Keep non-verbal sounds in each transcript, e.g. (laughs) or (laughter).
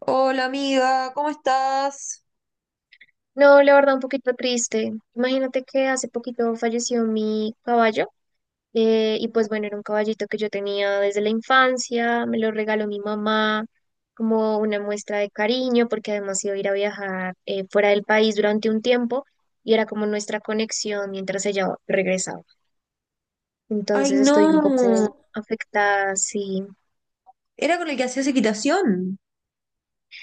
Hola amiga, ¿cómo estás? No, la verdad, un poquito triste. Imagínate que hace poquito falleció mi caballo. Y pues bueno, era un caballito que yo tenía desde la infancia, me lo regaló mi mamá como una muestra de cariño, porque además iba a ir a viajar, fuera del país durante un tiempo, y era como nuestra conexión mientras ella regresaba. Ay Entonces no, estoy un poco afectada, sí. era con el que hacías equitación.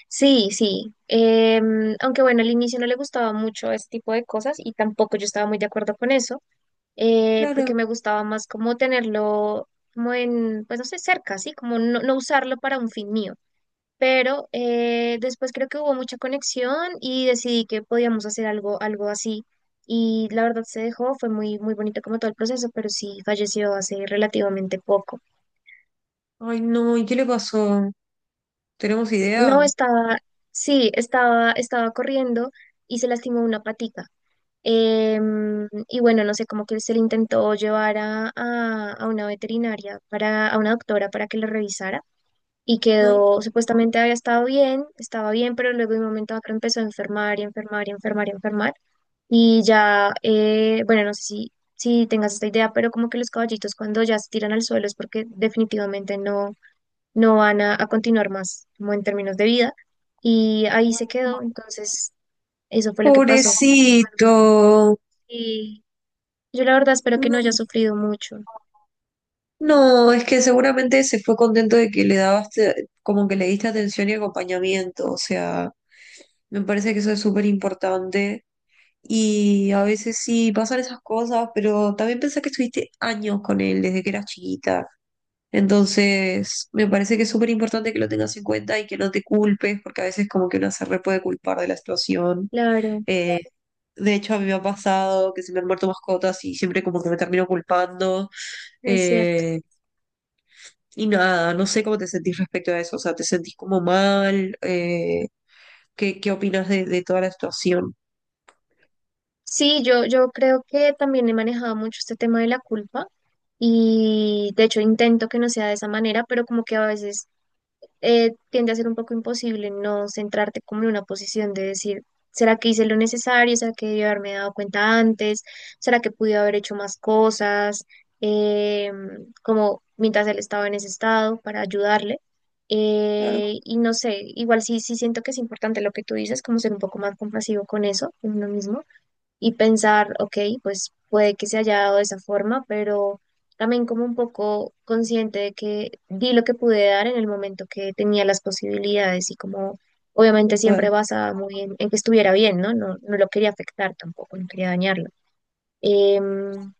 Sí, sí. Aunque bueno, al inicio no le gustaba mucho ese tipo de cosas y tampoco yo estaba muy de acuerdo con eso, Claro. porque me gustaba más como tenerlo como en, pues no sé, cerca, ¿sí? Como no, no usarlo para un fin mío. Pero después creo que hubo mucha conexión y decidí que podíamos hacer algo, algo así. Y la verdad se dejó, fue muy, muy bonito como todo el proceso, pero sí falleció hace relativamente poco. Ay no, ¿y qué le pasó? ¿Tenemos No, idea? estaba, sí, estaba, corriendo y se lastimó una patica. Y bueno, no sé, como que se le intentó llevar a una veterinaria, para, a una doctora para que le revisara y ¿No? quedó, supuestamente había estado bien, estaba bien, pero luego de un momento a otro empezó a enfermar y enfermar y enfermar y enfermar. Y ya, bueno, no sé si, si tengas esta idea, pero como que los caballitos cuando ya se tiran al suelo es porque definitivamente no, no van a continuar más, como en términos de vida. Y ahí se quedó, entonces eso fue lo que pasó. Algo- Pobrecito. Sí, yo la verdad espero que no No, haya sufrido mucho. no, es que seguramente se fue contento de que le dabaste, como que le diste atención y acompañamiento. O sea, me parece que eso es súper importante. Y a veces sí pasan esas cosas, pero también pensé que estuviste años con él desde que eras chiquita. Entonces, me parece que es súper importante que lo tengas en cuenta y que no te culpes, porque a veces como que una se re puede culpar de la situación. Claro, Eh, de hecho, a mí me ha pasado que se me han muerto mascotas y siempre como que me termino culpando. es cierto. Eh, y nada, no sé cómo te sentís respecto a eso. O sea, ¿te sentís como mal? ¿Qué, qué opinas de toda la situación? Sí, yo creo que también he manejado mucho este tema de la culpa y de hecho intento que no sea de esa manera, pero como que a veces tiende a ser un poco imposible no centrarte como en una posición de decir, ¿será que hice lo necesario? ¿Será que debí haberme dado cuenta antes? ¿Será que pude haber hecho más cosas? Eh, como mientras él estaba en ese estado para ayudarle. Claro, Y no sé, igual sí, sí siento que es importante lo que tú dices, como ser un poco más compasivo con eso, con uno mismo, y pensar, ok, pues puede que se haya dado de esa forma, pero también como un poco consciente de que di lo que pude dar en el momento que tenía las posibilidades y como obviamente súper. siempre basada muy en que estuviera bien, ¿no? No, no lo quería afectar tampoco, no quería dañarlo. Em,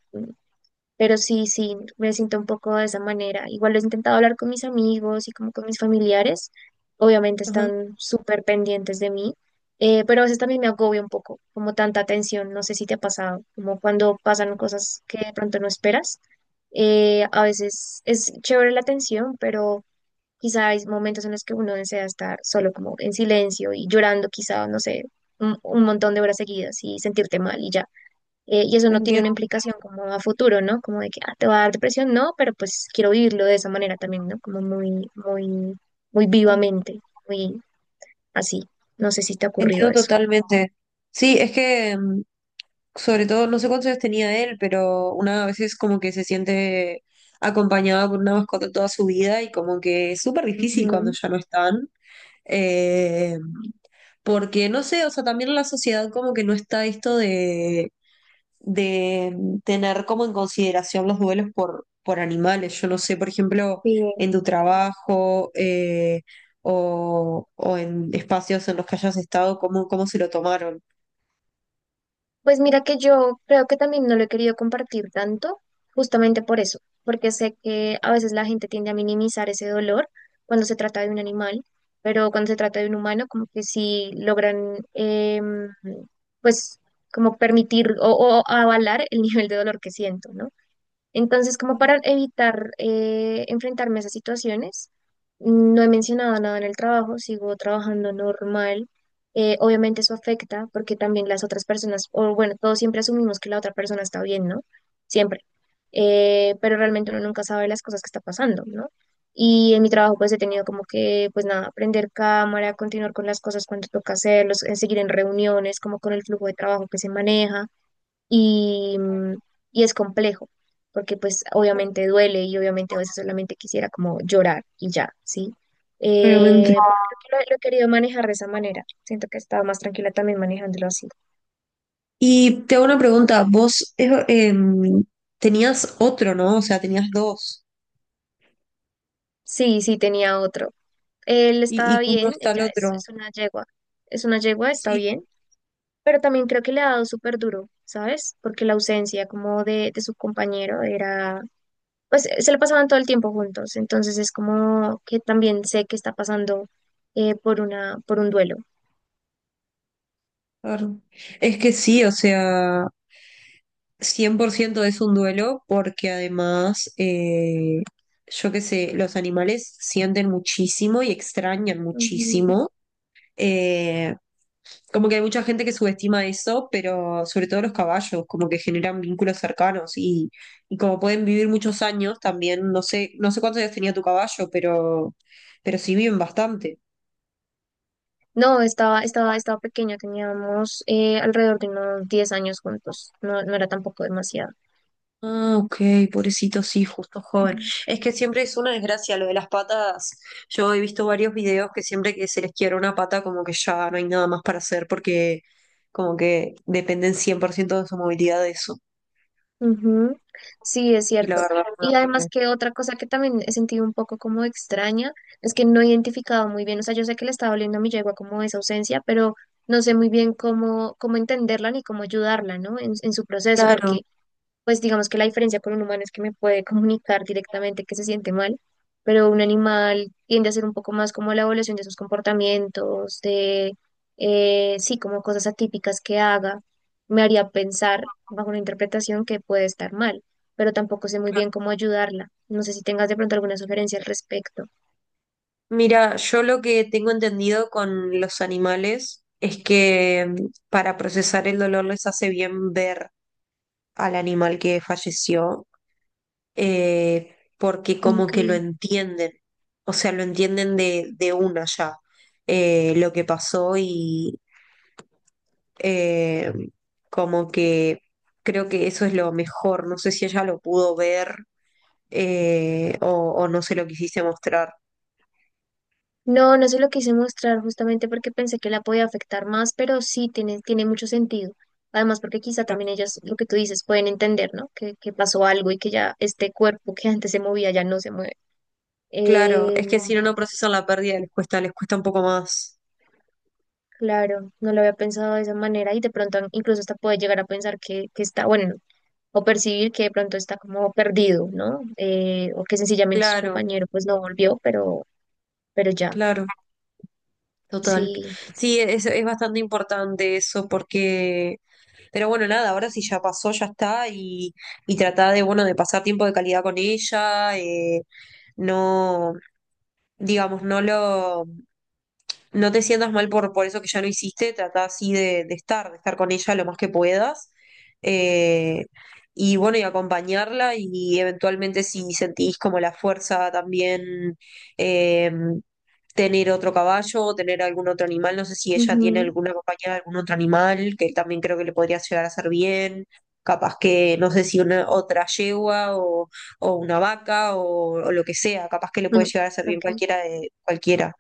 pero sí, sí, me siento un poco de esa manera. Igual lo he intentado hablar con mis amigos y como con mis familiares. Obviamente Ajá, están súper pendientes de mí, pero a veces también me agobia un poco, como tanta atención. No sé si te ha pasado, como cuando pasan cosas que de pronto no esperas. A veces es chévere la atención, pero quizá hay momentos en los que uno desea estar solo como en silencio y llorando quizá, no sé, un montón de horas seguidas y sentirte mal y ya, y eso no tiene una entiendo, implicación como a futuro, ¿no? Como de que ah, te va a dar depresión, no, pero pues quiero vivirlo de esa manera también, ¿no? Como muy, muy, muy claro. vivamente, muy así. No sé si te ha ocurrido Entiendo eso. totalmente. Sí, es que mm, sobre todo, no sé cuántos años tenía él, pero una a veces como que se siente acompañada por una mascota toda su vida y como que es súper difícil cuando Ujú, ya no están. Eh, Porque no sé, o sea, también la sociedad como que no está esto de tener como en consideración los duelos por animales. Yo no sé, por ejemplo, sí. en tu trabajo o en espacios en los que hayas estado, cómo, cómo se lo tomaron. Pues mira que yo creo que también no lo he querido compartir tanto, justamente por eso, porque sé que a veces la gente tiende a minimizar ese dolor cuando se trata de un animal, pero cuando se trata de un humano, como que sí logran, pues, como permitir o avalar el nivel de dolor que siento, ¿no? Entonces, como para evitar enfrentarme a esas situaciones, no he mencionado nada en el trabajo, sigo trabajando normal. Obviamente eso afecta porque también las otras personas, o bueno, todos siempre asumimos que la otra persona está bien, ¿no? Siempre. Pero realmente uno nunca sabe las cosas que está pasando, ¿no? Y en mi trabajo pues he tenido como que, pues nada, prender cámara, continuar con las cosas cuando toca hacerlos, seguir en reuniones, como con el flujo de trabajo que se maneja y, y es complejo, porque pues obviamente duele y obviamente a veces solamente quisiera como llorar y ya, ¿sí? Obviamente. Pero creo que lo he querido manejar de esa manera. Siento que estaba más tranquila también manejándolo así. Y te hago una pregunta, vos tenías otro, ¿no? O sea, tenías dos. Sí, sí, tenía otro. Él Y estaba cómo bien, está el ella otro? Es una yegua, está Sí, bien, pero también creo que le ha dado súper duro, ¿sabes? Porque la ausencia como de su compañero era pues se la pasaban todo el tiempo juntos, entonces es como que también sé que está pasando por una, por un duelo. claro. Es que sí, o sea, 100% es un duelo porque además, yo qué sé, los animales sienten muchísimo y extrañan Ujú. muchísimo. eh, Como que hay mucha gente que subestima eso, pero sobre todo los caballos, como que generan vínculos cercanos y como pueden vivir muchos años también, no sé, no sé cuántos años tenía tu caballo, pero sí viven bastante. No, estaba, estaba, estaba pequeña, teníamos alrededor de unos 10 años juntos, no, no era tampoco demasiado. Ah, ok, pobrecito, sí, justo joven. Ujú. Es que siempre es una desgracia lo de las patas. Yo he visto varios videos que siempre que se les quiebra una pata, como que ya no hay nada más para hacer porque como que dependen 100% de su movilidad de eso. Ujú, sí, es Y la cierto. verdad es Y además horrible. que otra cosa que también he sentido un poco como extraña es que no he identificado muy bien, o sea, yo sé que le estaba doliendo a mi yegua como esa ausencia, pero no sé muy bien cómo, cómo entenderla ni cómo ayudarla, ¿no? En su proceso, Claro, porque pues digamos que la diferencia con un humano es que me puede comunicar directamente que se siente mal, pero un animal tiende a ser un poco más como la evolución de sus comportamientos, de, sí, como cosas atípicas que haga, me haría pensar bajo una interpretación que puede estar mal, pero tampoco sé muy bien cómo ayudarla. No sé si tengas de pronto alguna sugerencia al respecto. mira, yo lo que tengo entendido con los animales es que mm, para procesar el dolor les hace bien ver al animal que falleció, porque como Ok. que lo entienden, o sea, lo entienden de una ya, lo que pasó y eh, como que creo que eso es lo mejor, no sé si ella lo pudo ver eh, o, o no se lo quisiste mostrar. No, no se lo quise mostrar justamente porque pensé que la podía afectar más, pero sí tiene, tiene mucho sentido. Además, porque quizá también ellas, lo que tú dices, pueden entender, ¿no? Que pasó algo y que ya este cuerpo que (laughs) antes se movía ya no se mueve. Claro, Eh, es que si no, no procesan la pérdida, les cuesta un poco más. claro, no lo había pensado de esa manera y de pronto incluso hasta puede llegar a pensar que está, bueno, o percibir que de pronto está como perdido, ¿no? O que sencillamente su Claro, compañero pues no volvió, pero ya, claro, total. sí. Sí, es bastante importante eso porque, pero bueno, nada, ahora sí ya pasó, ya está, y tratar de, bueno, de pasar tiempo de calidad con ella, no, digamos, no lo... No te sientas mal por eso que ya no hiciste, trata así de estar con ella lo más que puedas. eh, y bueno, y acompañarla y eventualmente si sentís como la fuerza también eh, tener otro caballo o tener algún otro animal, no sé si ella tiene Ujú, alguna compañera algún otro animal, que también creo que le podría llegar a hacer bien. Capaz que, no sé si una otra yegua o una vaca o lo que sea, capaz que le puede ujú, llegar a hacer bien ok. cualquiera de cualquiera.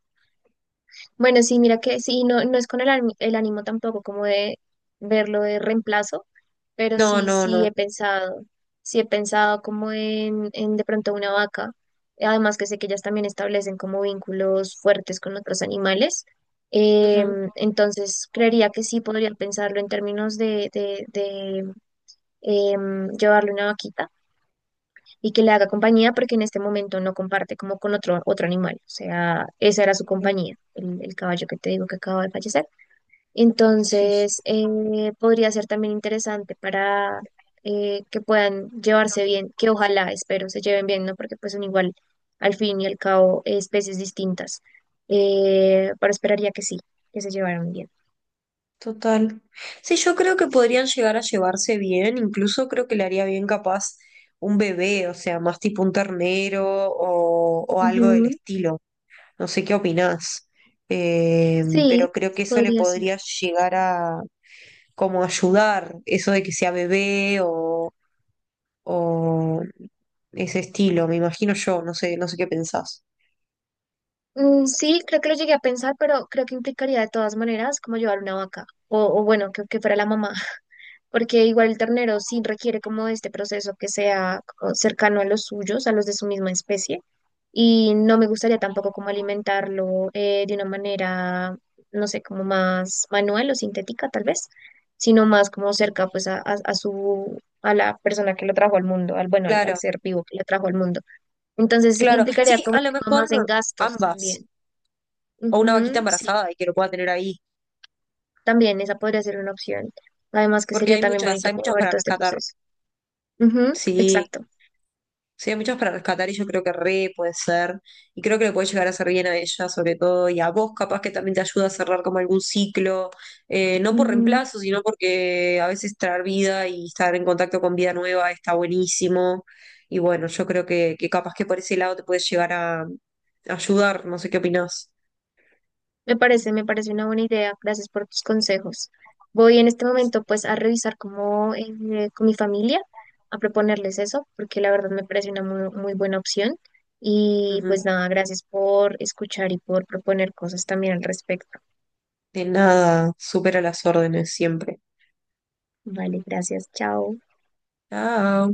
Bueno, sí, mira que sí, no, no es con el, ani- el ánimo tampoco como de verlo de reemplazo, pero No, sí, no, no. Sí he pensado como en de pronto una vaca, además que sé que ellas también establecen como vínculos fuertes con otros animales, Ujú. Entonces creería que sí podría pensarlo en términos de llevarle una vaquita y que le haga compañía porque en este momento no comparte como con otro, otro animal. O sea, esa era su compañía, el caballo que te digo que acaba de fallecer. Sí, sí, Entonces, podría ser también interesante para que puedan llevarse bien, que ojalá, espero, se lleven bien, ¿no? Porque pues son igual, al fin y al cabo, especies distintas. Pero esperaría que sí, que se llevaran bien. total. Sí, yo creo que podrían llegar a llevarse bien, incluso creo que le haría bien capaz un bebé, o sea, más tipo un ternero o algo del Ujú, estilo. No sé qué opinás. Sí, Pero creo que eso le podría ser. podría llegar a como ayudar, eso de que sea bebé o ese estilo, me imagino yo, no sé, no sé qué pensás. Mm, sí, creo que lo llegué a pensar, pero creo que implicaría de todas maneras como llevar una vaca o bueno, que fuera la mamá, (laughs) porque igual el ternero sí requiere como de este proceso que sea como cercano a los suyos, a los de su misma especie, y no me gustaría tampoco como alimentarlo, de una manera, no sé, como más manual o sintética tal vez, sino más como cerca pues a su, a la persona que lo trajo al mundo, al, bueno, al al Claro. ser vivo que lo trajo al mundo. Entonces Claro, implicaría sí, como a un lo tema mejor más en gastos ambas, también. o una vaquita Ujú, sí, embarazada y que lo pueda tener ahí, también esa podría ser una opción. Además que porque sería también hay bonito como muchas ver para todo este rescatar, proceso. Ujú, sí, exacto. sí, hay muchas para rescatar y yo creo que re puede ser, y creo que le puede llegar a hacer bien a ella sobre todo, y a vos capaz que también te ayuda a cerrar como algún ciclo, no por Ujú, reemplazo, sino porque a veces traer vida y estar en contacto con vida nueva está buenísimo, y bueno, yo creo que capaz que por ese lado te puede llegar a ayudar, no sé qué opinás. me parece, me parece una buena idea. Gracias por tus consejos. Voy en este momento pues a revisar como con mi familia, a proponerles eso, porque la verdad me parece una muy, muy buena opción. Y pues nada, gracias por escuchar y por proponer cosas también al respecto. De nada, supera las órdenes siempre. Vale, gracias, chao. Chao.